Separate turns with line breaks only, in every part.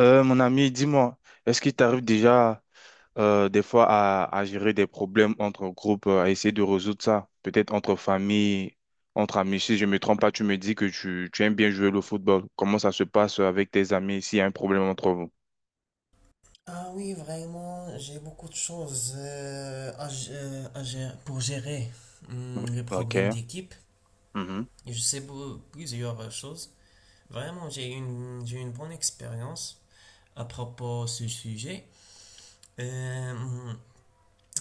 Mon ami, dis-moi, est-ce qu'il t'arrive déjà des fois à gérer des problèmes entre groupes, à essayer de résoudre ça? Peut-être entre famille, entre amis. Si je ne me trompe pas, tu me dis que tu aimes bien jouer le football. Comment ça se passe avec tes amis s'il y a un problème entre vous?
Ah oui, vraiment, j'ai beaucoup de choses pour gérer les problèmes
Ok.
d'équipe.
Mhm.
Et je sais plusieurs choses. Vraiment, j'ai une bonne expérience à propos de ce sujet. Euh, hum,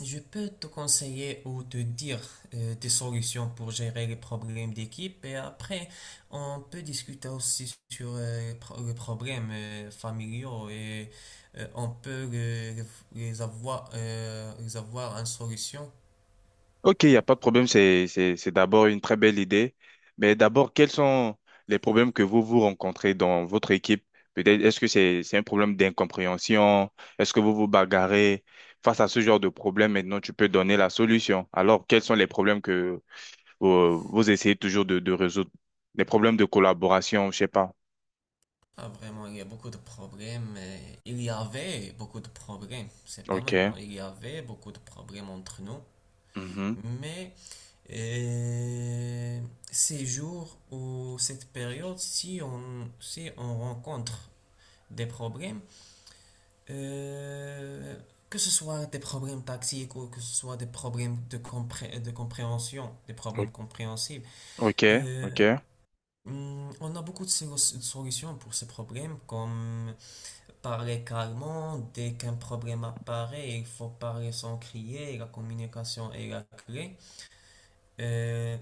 je peux te conseiller ou te dire des solutions pour gérer les problèmes d'équipe, et après on peut discuter aussi sur les problèmes familiaux, et euh, on peut les, les avoir en solution.
Ok, il n'y a pas de problème, c'est d'abord une très belle idée. Mais d'abord, quels sont les problèmes que vous vous rencontrez dans votre équipe? Peut-être, est-ce que c'est un problème d'incompréhension? Est-ce que vous vous bagarrez? Face à ce genre de problème, maintenant, tu peux donner la solution. Alors, quels sont les problèmes que vous, vous essayez toujours de résoudre? Les problèmes de collaboration, je sais pas.
Ah, vraiment, il y a beaucoup de problèmes. Il y avait beaucoup de problèmes, c'est pas
Ok.
maintenant. Il y avait beaucoup de problèmes entre nous,
Mhm.
mais Et ces jours ou cette période, si on rencontre des problèmes, euh, que ce soit des problèmes tactiques ou que ce soit des problèmes de compréhension, des
O-
problèmes compréhensibles,
Ok,
euh,
ok.
on a beaucoup de solutions pour ces problèmes, comme parler calmement. Dès qu'un problème apparaît, il faut parler sans crier, la communication est la clé. Euh,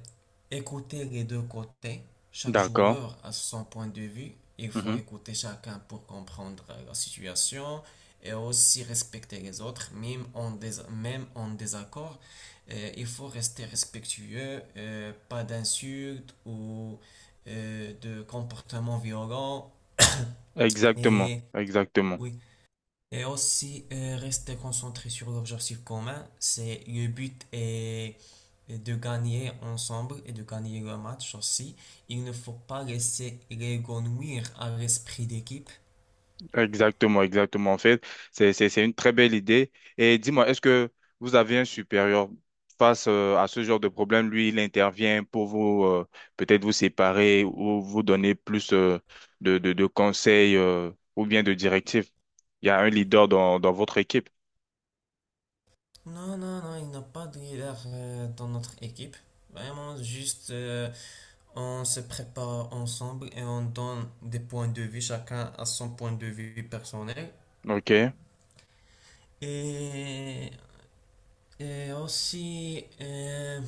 Écouter les deux côtés. Chaque
D'accord.
joueur a son point de vue. Il faut
Mhm.
écouter chacun pour comprendre la situation, et aussi respecter les autres, même en désaccord. Il faut rester respectueux, pas d'insultes ou de comportements violents.
Exactement,
Et
exactement.
oui. Et aussi, rester concentré sur l'objectif commun. C'est le but est de gagner ensemble et de gagner le match aussi. Il ne faut pas laisser l'égonouir à l'esprit d'équipe.
Exactement, exactement. En fait, c'est une très belle idée. Et dis-moi, est-ce que vous avez un supérieur face à ce genre de problème? Lui, il intervient pour vous, peut-être vous séparer ou vous donner plus de conseils ou bien de directives. Il y a un leader dans votre équipe.
Non, non, non, il n'y a pas de leader dans notre équipe. Vraiment, juste, on se prépare ensemble et on donne des points de vue, chacun à son point de vue personnel.
OK?
Et, et aussi, euh,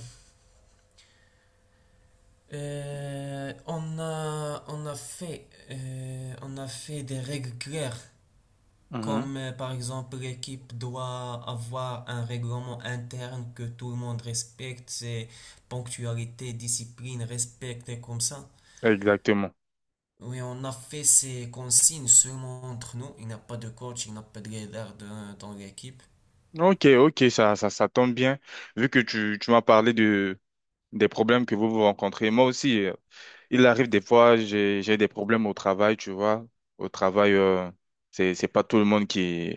Euh, on a, on a fait des règles claires,
Mhm.
comme par exemple l'équipe doit avoir un règlement interne que tout le monde respecte, c'est ponctualité, discipline, respect et comme ça.
Exactement.
Oui, on a fait ces consignes seulement entre nous. Il n'y a pas de coach, il n'y a pas de leader dans l'équipe.
Ok, ok, ça tombe bien. Vu que tu m'as parlé de, des problèmes que vous vous rencontrez, moi aussi, il arrive des fois, j'ai des problèmes au travail, tu vois. Au travail, c'est pas tout le monde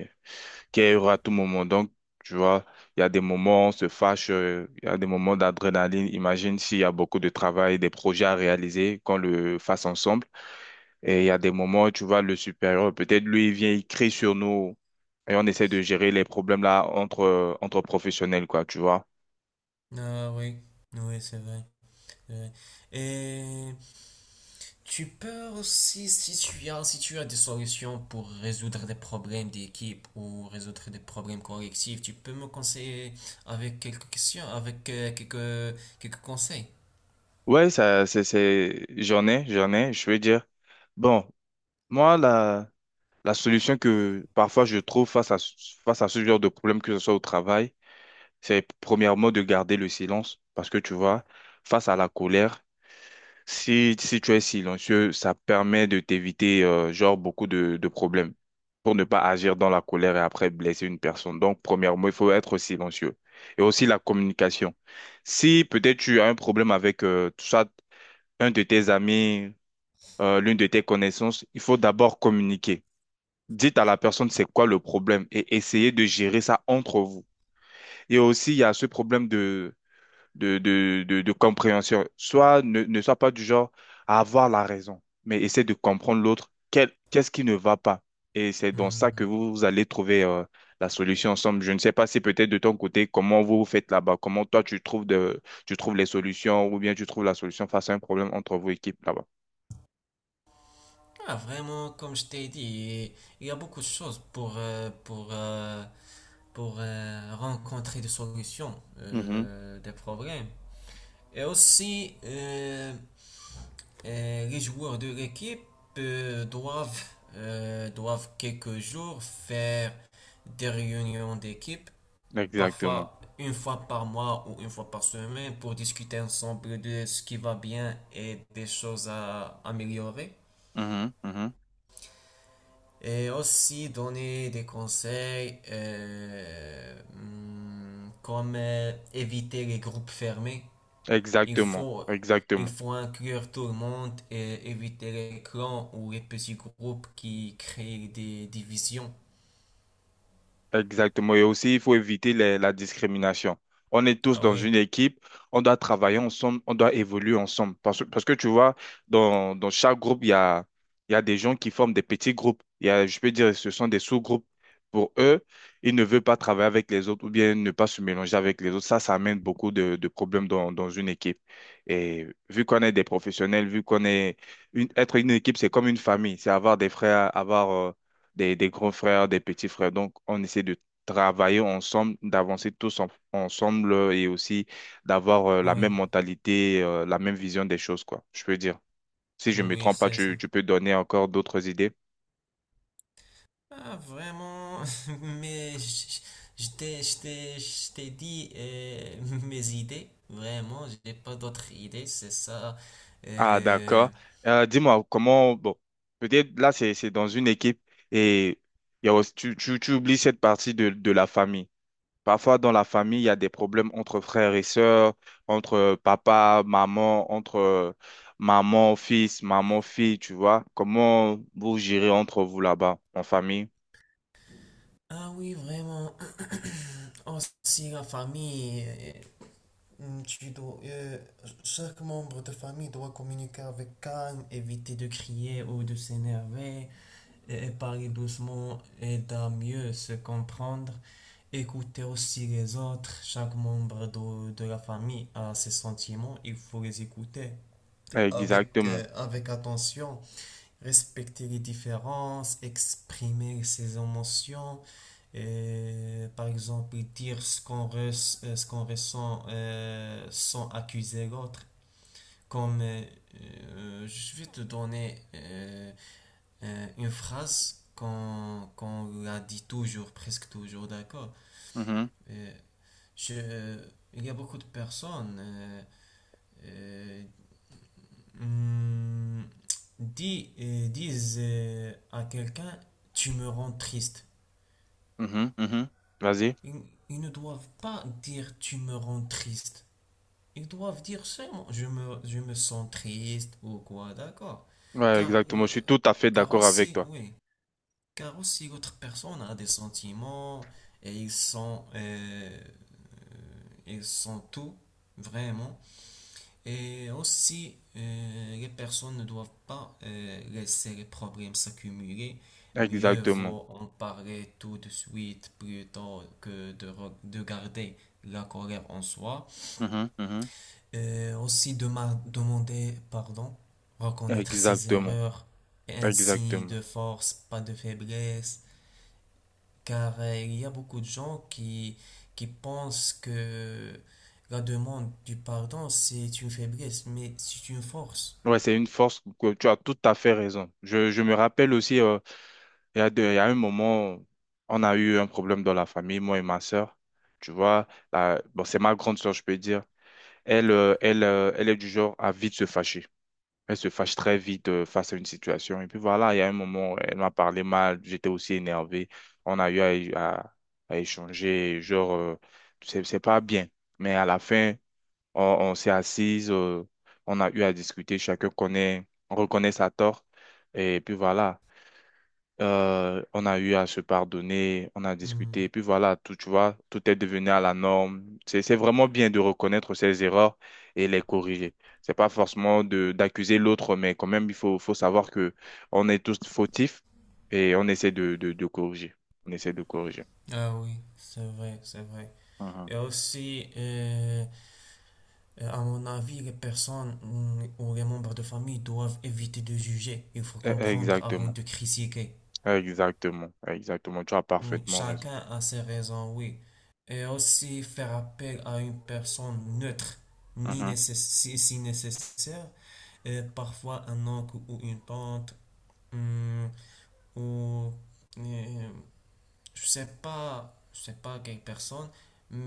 qui est heureux à tout moment. Donc, tu vois, il y a des moments on se fâche, il y a des moments d'adrénaline. Imagine s'il y a beaucoup de travail, des projets à réaliser, qu'on le fasse ensemble. Et il y a des moments où tu vois le supérieur, peut-être lui, il vient, il crie sur nous et on essaie de gérer les problèmes là entre, entre professionnels, quoi, tu vois.
Ah oui, oui, c'est vrai. C'est vrai. Tu peux aussi, si tu as des solutions pour résoudre des problèmes d'équipe ou résoudre des problèmes collectifs, tu peux me conseiller avec quelques questions, avec quelques, quelques conseils.
Ouais, ça, c'est, j'en ai, je veux dire. Bon, moi, la solution que parfois je trouve face à, face à ce genre de problème, que ce soit au travail, c'est premièrement de garder le silence parce que tu vois, face à la colère, si tu es silencieux, ça permet de t'éviter genre beaucoup de problèmes pour ne pas agir dans la colère et après blesser une personne. Donc, premièrement, il faut être silencieux. Et aussi la communication. Si peut-être tu as un problème avec soit un de tes amis, l'une de tes connaissances, il faut d'abord communiquer. Dites à la personne c'est quoi le problème et essayez de gérer ça entre vous. Et aussi, il y a ce problème de compréhension. Soit ne sois pas du genre à avoir la raison, mais essaie de comprendre l'autre. Quel, qu'est-ce qui ne va pas? Et c'est dans ça que
Hmm.
vous allez trouver la solution ensemble. Je ne sais pas si peut-être de ton côté, comment vous vous faites là-bas, comment toi tu trouves de, tu trouves les solutions ou bien tu trouves la solution face à un problème entre vos équipes là-bas.
Ah, vraiment, comme je t'ai dit, il y a beaucoup de choses pour rencontrer des solutions,
Mhm.
des problèmes. Et aussi, les joueurs de l'équipe euh, doivent, doivent quelques jours faire des réunions d'équipe,
Exactement.
parfois une fois par mois ou une fois par semaine, pour discuter ensemble de ce qui va bien et des choses à améliorer.
Mhm, mhm.
Et aussi donner des conseils comme éviter les groupes fermés. Il
Exactement.
faut, il
Exactement.
faut inclure tout le monde et éviter les clans ou les petits groupes qui créent des divisions.
Exactement. Et aussi, il faut éviter la discrimination. On est tous
Ah
dans une
oui,
équipe, on doit travailler ensemble, on doit évoluer ensemble. Parce que tu vois, dans chaque groupe, il y a des gens qui forment des petits groupes. Il y a, je peux dire, ce sont des sous-groupes. Pour eux, ils ne veulent pas travailler avec les autres ou bien ne pas se mélanger avec les autres. Ça amène beaucoup de problèmes dans une équipe. Et vu qu'on est des professionnels, vu qu'on est être une équipe, c'est comme une famille. C'est avoir des frères, avoir des grands frères, des petits frères. Donc, on essaie de travailler ensemble, d'avancer tous ensemble et aussi d'avoir la
oui,
même mentalité, la même vision des choses, quoi, je peux dire. Si je me
oui,
trompe pas,
c'est
tu,
ça.
tu peux donner encore d'autres idées.
Ah vraiment, mais je t'ai dit mes idées. Vraiment, j'ai pas d'autres idées, c'est ça.
Ah, d'accord.
Euh,
Dis-moi, comment, bon, peut-être là, c'est dans une équipe et il y a tu oublies cette partie de la famille. Parfois, dans la famille, il y a des problèmes entre frères et sœurs, entre papa, maman, entre maman, fils, maman, fille, tu vois. Comment vous gérez entre vous là-bas, en famille?
Ah oui, vraiment. Aussi la famille. Hmm, Tu dois, euh, chaque membre de famille doit communiquer avec calme, éviter de crier ou de s'énerver, et parler doucement aide à mieux se comprendre. Écouter aussi les autres, chaque membre de la famille a ses sentiments, il faut les écouter avec,
Exactement.
avec attention, respecter les différences, exprimer ses émotions, et par exemple dire ce qu'on ressent sans accuser l'autre. Comme je vais te donner une phrase qu'on la dit toujours, presque toujours, d'accord?
Mhm,
Euh, je, euh, il y a beaucoup de personnes euh, Hum, disent à quelqu'un, tu me rends triste.
mhm, mhm. Vas-y.
Ils, ils ne doivent pas dire, tu me rends triste. Ils doivent dire seulement, je me sens triste ou quoi, d'accord.
Ouais,
Car,
exactement. Je
euh,
suis tout à fait
car
d'accord avec
aussi,
toi.
oui, car aussi l'autre personne a des sentiments et ils sont tout, vraiment. Et aussi, les personnes ne doivent pas laisser les problèmes s'accumuler. Mieux
Exactement.
vaut en parler tout de suite plutôt que de garder la colère en soi.
Mhm, mhm.
Aussi, de demander pardon, reconnaître ses
Exactement.
erreurs, et ainsi
Exactement.
de force, pas de faiblesse. Car il y a beaucoup de gens qui pensent que la demande du pardon, c'est une faiblesse, mais c'est une force.
Ouais, c'est une force que tu as tout à fait raison. Je me rappelle aussi. Il y a il y a un moment, on a eu un problème dans la famille, moi et ma sœur. Tu vois, bon, c'est ma grande sœur, je peux dire. Elle est du genre à vite se fâcher. Elle se fâche très vite face à une situation. Et puis voilà, il y a un moment, elle m'a parlé mal, j'étais aussi énervé. On a eu à, à- à échanger, genre, c'est pas bien. Mais à la fin, on s'est assises, on a eu à discuter, on reconnaît sa tort. Et puis voilà. On a eu à se pardonner, on a discuté, et
Hmm.
puis voilà, tout, tu vois, tout est devenu à la norme. C'est vraiment bien de reconnaître ses erreurs et les corriger. C'est pas forcément de, d'accuser l'autre, mais quand même, il faut, faut savoir que on est tous fautifs et on essaie de corriger. On essaie de corriger.
Ah oui, c'est vrai, c'est vrai.
Mhm.
Et aussi, à mon avis, les personnes ou les membres de famille doivent éviter de juger. Il faut comprendre avant
Exactement,
de critiquer.
exactement, exactement. Tu as
Oui,
parfaitement raison.
chacun a ses raisons, oui. Et aussi, faire appel à une personne neutre, ni nécess- si nécessaire, parfois un oncle ou une tante, mm, ou, euh, je sais pas quelle personne,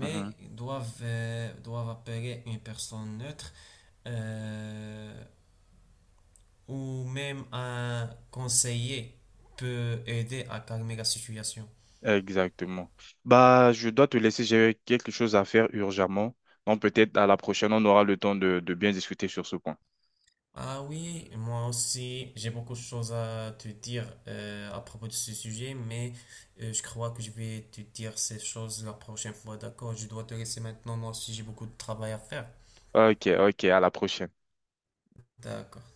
Mhm. Mhm.
doivent appeler une personne neutre euh, ou même un conseiller peut aider à calmer la situation.
Exactement. Bah, je dois te laisser, j'ai quelque chose à faire urgemment. Donc peut-être à la prochaine, on aura le temps de bien discuter sur ce point.
Ah oui, moi aussi, j'ai beaucoup de choses à te dire à propos de ce sujet, mais je crois que je vais te dire ces choses la prochaine fois, d'accord? Je dois te laisser maintenant, moi aussi j'ai beaucoup de travail à faire.
Ok, ok, à la prochaine.
D'accord.